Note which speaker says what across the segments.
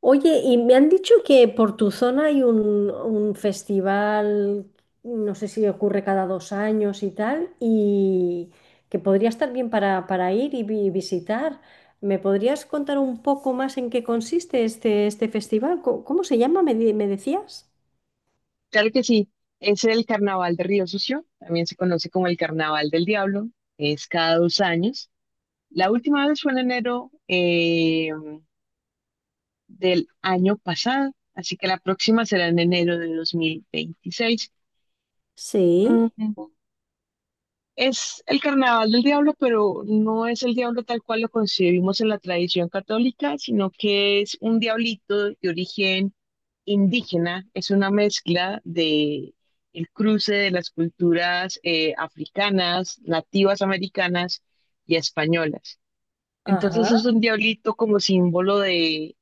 Speaker 1: Oye, y me han dicho que por tu zona hay un festival, no sé si ocurre cada 2 años y tal, y que podría estar bien para, ir y visitar. ¿Me podrías contar un poco más en qué consiste este festival? ¿Cómo se llama? ¿Me decías?
Speaker 2: Claro que sí, es el Carnaval de Río Sucio, también se conoce como el Carnaval del Diablo, es cada dos años. La última vez fue en enero del año pasado, así que la próxima será en enero de 2026.
Speaker 1: Sí.
Speaker 2: Mm, Es el carnaval del diablo, pero no es el diablo tal cual lo concebimos en la tradición católica, sino que es un diablito de origen indígena, es una mezcla de el cruce de las culturas africanas, nativas americanas y españolas.
Speaker 1: Ajá.
Speaker 2: Entonces es un diablito como símbolo de,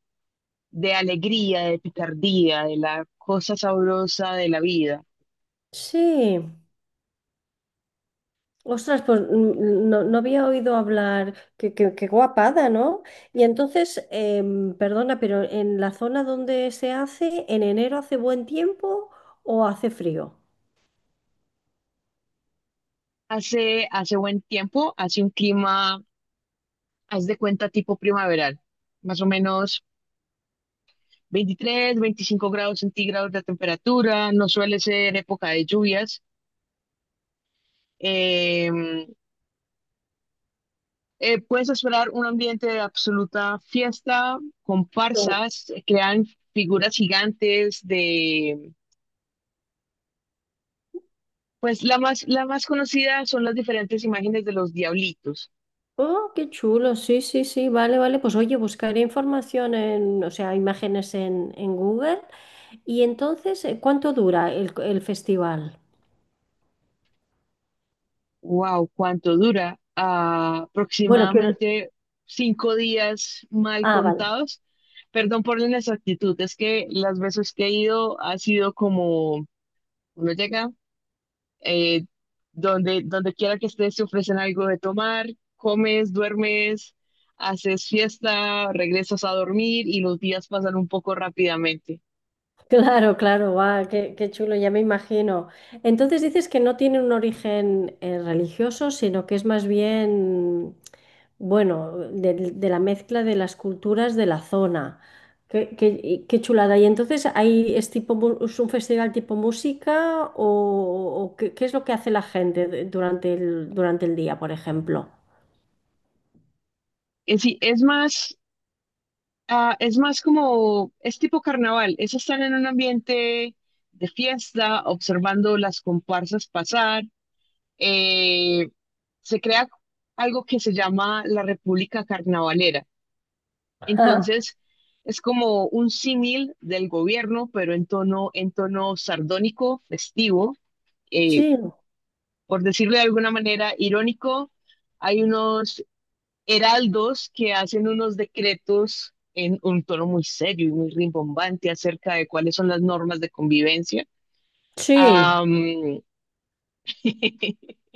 Speaker 2: de alegría, de picardía, de la cosa sabrosa de la vida.
Speaker 1: Sí. Ostras, pues no, no había oído hablar, qué guapada, ¿no? Y entonces, perdona, pero ¿en la zona donde se hace en enero hace buen tiempo o hace frío?
Speaker 2: Hace buen tiempo, hace un clima haz de cuenta tipo primaveral, más o menos 23, 25 grados centígrados de temperatura, no suele ser época de lluvias. Eh, puedes esperar un ambiente de absoluta fiesta,
Speaker 1: No.
Speaker 2: comparsas, crean figuras gigantes pues la más conocida son las diferentes imágenes de los diablitos.
Speaker 1: Oh, qué chulo, sí, sí, sí, vale, vale. Pues oye, buscaré información en, o sea, imágenes en Google. Y entonces, ¿cuánto dura el festival?
Speaker 2: Wow, ¿cuánto dura?
Speaker 1: Bueno, quiero.
Speaker 2: Aproximadamente cinco días mal
Speaker 1: Ah, vale.
Speaker 2: contados. Perdón por la inexactitud, es que las veces que he ido ha sido como uno llega, eh, donde quiera que estés te ofrecen algo de tomar, comes, duermes, haces fiesta, regresas a dormir y los días pasan un poco rápidamente.
Speaker 1: Claro, claro, guau, qué chulo, ya me imagino. Entonces dices que no tiene un origen religioso, sino que es más bien, bueno, de la mezcla de las culturas de la zona. Y qué chulada. ¿Y entonces ahí es tipo es un festival tipo música o, qué, es lo que hace la gente durante el día, por ejemplo?
Speaker 2: Sí, es más Ah, es más como, es tipo carnaval, es estar en un ambiente de fiesta, observando las comparsas pasar. eh, Se crea algo que se llama la República Carnavalera. Entonces, es como un símil del gobierno, pero en tono sardónico, festivo, eh,
Speaker 1: Sí,
Speaker 2: por decirlo de alguna manera, irónico. Hay unos heraldos que hacen unos decretos en un tono muy serio y muy rimbombante acerca de cuáles son las normas de convivencia.
Speaker 1: sí.
Speaker 2: Am,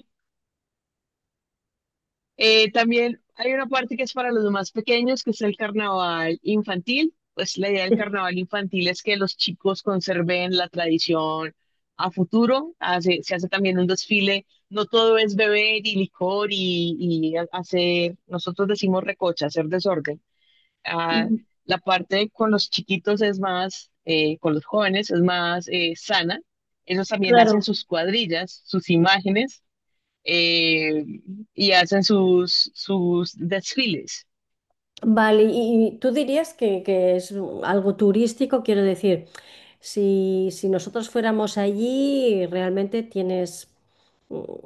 Speaker 2: también hay una parte que es para los más pequeños, que es el carnaval infantil. Pues la idea del carnaval infantil es que los chicos conserven la tradición a futuro. Se hace también un desfile. No todo es beber y licor y hacer, nosotros decimos recocha, hacer desorden. Ah,
Speaker 1: Mm,
Speaker 2: la parte con los chiquitos con los jóvenes es más sana. Ellos también hacen
Speaker 1: claro.
Speaker 2: sus cuadrillas, sus imágenes eh, y hacen sus desfiles.
Speaker 1: Vale, y tú dirías que es algo turístico, quiero decir, si nosotros fuéramos allí, realmente tienes,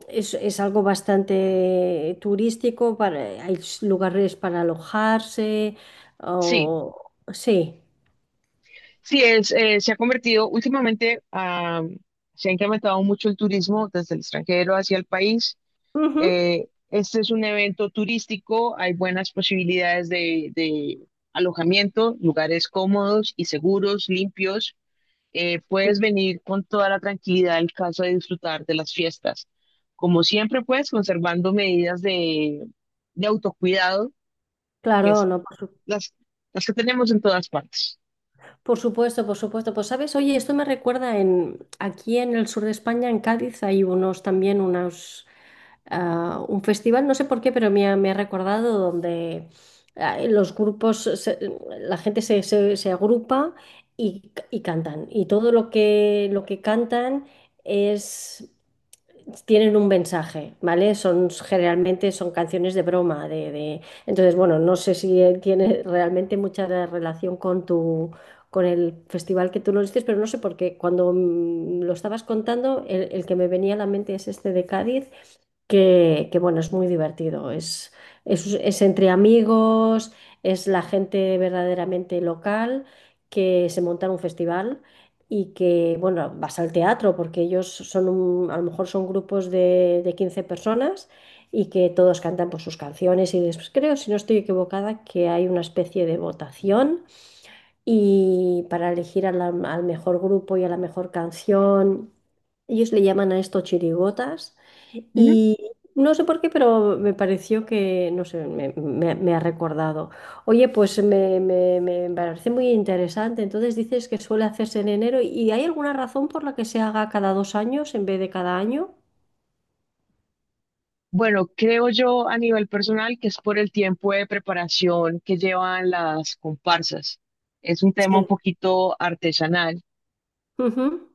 Speaker 1: es algo bastante turístico, hay lugares para alojarse,
Speaker 2: Sí,
Speaker 1: o sí.
Speaker 2: sí, se ha convertido últimamente, se ha incrementado mucho el turismo desde el extranjero hacia el país.
Speaker 1: Ujú.
Speaker 2: Este es un evento turístico, hay buenas posibilidades de alojamiento, lugares cómodos y seguros, limpios. Puedes venir con toda la tranquilidad del caso de disfrutar de las fiestas. Como siempre, pues, conservando medidas de autocuidado, que
Speaker 1: Claro,
Speaker 2: es
Speaker 1: no,
Speaker 2: las, las que tenemos en todas partes.
Speaker 1: Por supuesto, por supuesto. Pues sabes, oye, esto me recuerda en aquí en el sur de España, en Cádiz, hay unos también unos un festival, no sé por qué, pero me ha recordado donde los grupos, la gente se agrupa y cantan. Y todo lo que cantan es tienen un mensaje, ¿vale? Son generalmente son canciones de broma, Entonces, bueno, no sé si tiene realmente mucha relación con tu con el festival que tú lo dices, pero no sé por qué. Cuando lo estabas contando, el que me venía a la mente es este de Cádiz que, bueno, es muy divertido. Es entre amigos, es la gente verdaderamente local que se monta en un festival y que, bueno, vas al teatro porque ellos son a lo mejor son grupos de 15 personas y que todos cantan por sus canciones y después creo, si no estoy equivocada, que hay una especie de votación y para elegir a al mejor grupo y a la mejor canción. Ellos le llaman a esto chirigotas
Speaker 2: Ujú.
Speaker 1: y no sé por qué, pero me pareció que, no sé, me ha recordado. Oye, pues me parece muy interesante. Entonces dices que suele hacerse en enero y ¿hay alguna razón por la que se haga cada 2 años en vez de cada año?
Speaker 2: Bueno, creo yo a nivel personal que es por el tiempo de preparación que llevan las comparsas. Es un tema un
Speaker 1: Sí.
Speaker 2: poquito artesanal.
Speaker 1: Ujú.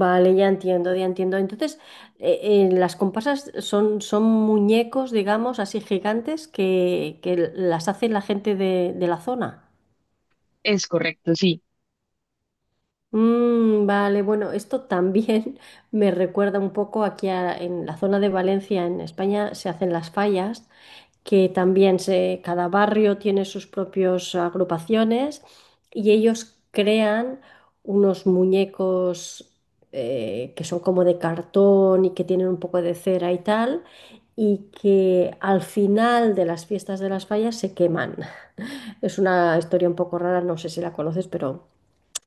Speaker 1: Vale, ya entiendo, ya entiendo. Entonces, las comparsas son muñecos, digamos, así gigantes que las hace la gente de la zona.
Speaker 2: Es correcto, sí.
Speaker 1: Mm, vale, bueno, esto también me recuerda un poco aquí en la zona de Valencia, en España, se hacen las fallas que también cada barrio tiene sus propias agrupaciones y ellos crean unos muñecos que son como de cartón y que tienen un poco de cera y tal. Y que al final de las fiestas de las fallas se queman. Es una historia un poco rara, no sé si la conoces, pero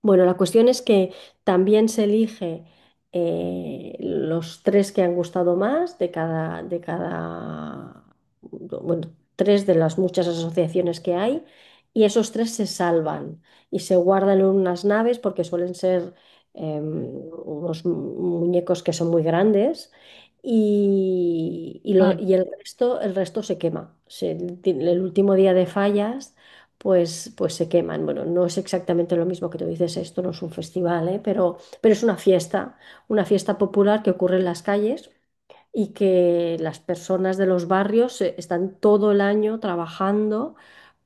Speaker 1: bueno, la cuestión es que también se elige los tres que han gustado más bueno, tres de las muchas asociaciones que hay, y esos tres se salvan y se guardan en unas naves porque suelen ser unos muñecos que son muy grandes. Y, y lo-
Speaker 2: Ay,
Speaker 1: y el resto se quema. El último día de fallas pues se queman. Bueno, no es exactamente lo mismo que tú dices, esto no es un festival, ¿eh? Pero es una fiesta popular que ocurre en las calles y que las personas de los barrios están todo el año trabajando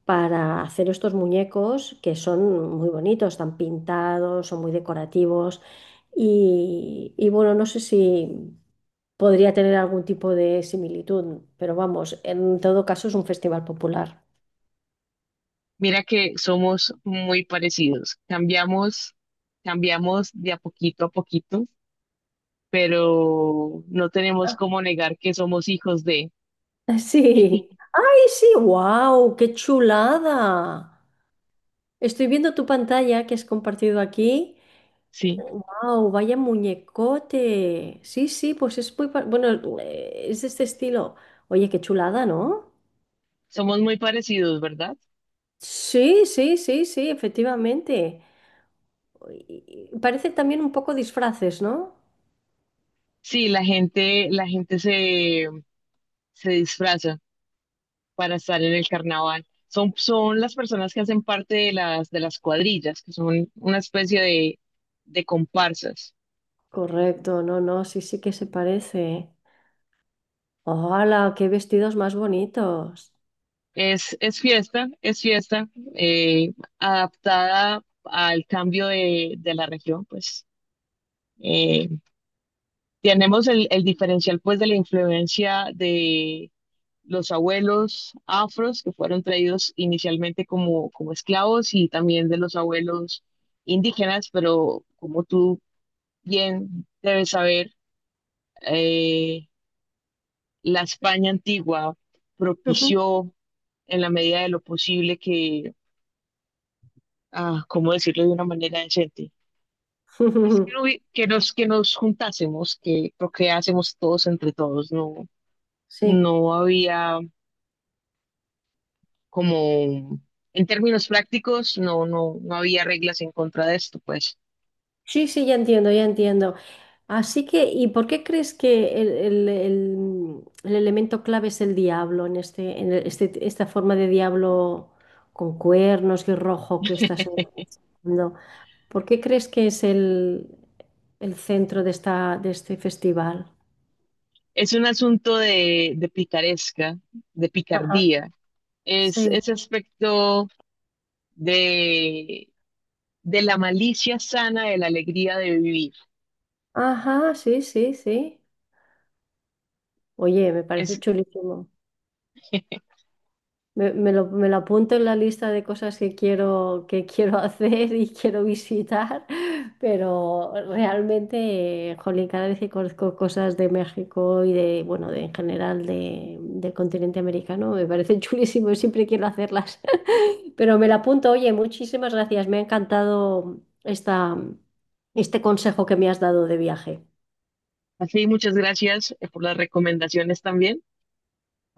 Speaker 1: para hacer estos muñecos que son muy bonitos, están pintados, son muy decorativos y bueno, no sé si. Podría tener algún tipo de similitud, pero vamos, en todo caso es un festival popular.
Speaker 2: mira que somos muy parecidos. Cambiamos de a poquito pero no tenemos cómo negar que somos hijos de.
Speaker 1: Sí. ¡Ay, sí! ¡Wow! ¡Qué chulada! Estoy viendo tu pantalla que has compartido aquí.
Speaker 2: Sí,
Speaker 1: ¡Wow! ¡Vaya muñecote! Sí, sí, pues es muy, bueno, es de este estilo. Oye, qué chulada, ¿no?
Speaker 2: somos muy parecidos, ¿verdad?
Speaker 1: Sí, sí, sí, sí, efectivamente. Y parece también un poco disfraces, ¿no?
Speaker 2: Sí, la gente se disfraza para estar en el carnaval. Son las personas que hacen parte de las cuadrillas, que son una especie de comparsas.
Speaker 1: Correcto, no, no, sí, sí que se parece. ¡Hola! ¡Qué vestidos más bonitos!
Speaker 2: Es fiesta, eh, adaptada al cambio de la región, pues. Eh, tenemos el diferencial pues de la influencia los abuelos afros que fueron traídos inicialmente como esclavos y también de los abuelos indígenas, pero como tú bien debes saber, eh, la España antigua propició en la medida de lo posible que, ¿cómo decirlo de una manera decente? Es que, no hubi- que nos juntásemos, que procreásemos todos entre todos, no,
Speaker 1: Sí.
Speaker 2: no había como en términos prácticos no había reglas en contra de esto, pues.
Speaker 1: Sí, sí, ya entiendo, ya entiendo. Así que, ¿y por qué crees que el elemento clave es el diablo en esta forma de diablo con cuernos y rojo que estás hablando? ¿Por qué crees que es el centro de de este festival?
Speaker 2: Es un asunto de picaresca, de
Speaker 1: Ajá.
Speaker 2: picardía. Es
Speaker 1: Sí.
Speaker 2: ese aspecto de, de la malicia sana de la alegría de vivir.
Speaker 1: Ajá, sí, sí, sí. Oye, me parece
Speaker 2: Es
Speaker 1: chulísimo. Me lo apunto en la lista de cosas que quiero, hacer y quiero visitar, pero realmente, jolín, cada vez que conozco cosas de México y de, bueno, en general del continente americano, me parece chulísimo, y siempre quiero hacerlas. Pero me lo apunto, oye, muchísimas gracias, me ha encantado esta, este consejo que me has dado de viaje.
Speaker 2: así, muchas gracias por las recomendaciones también.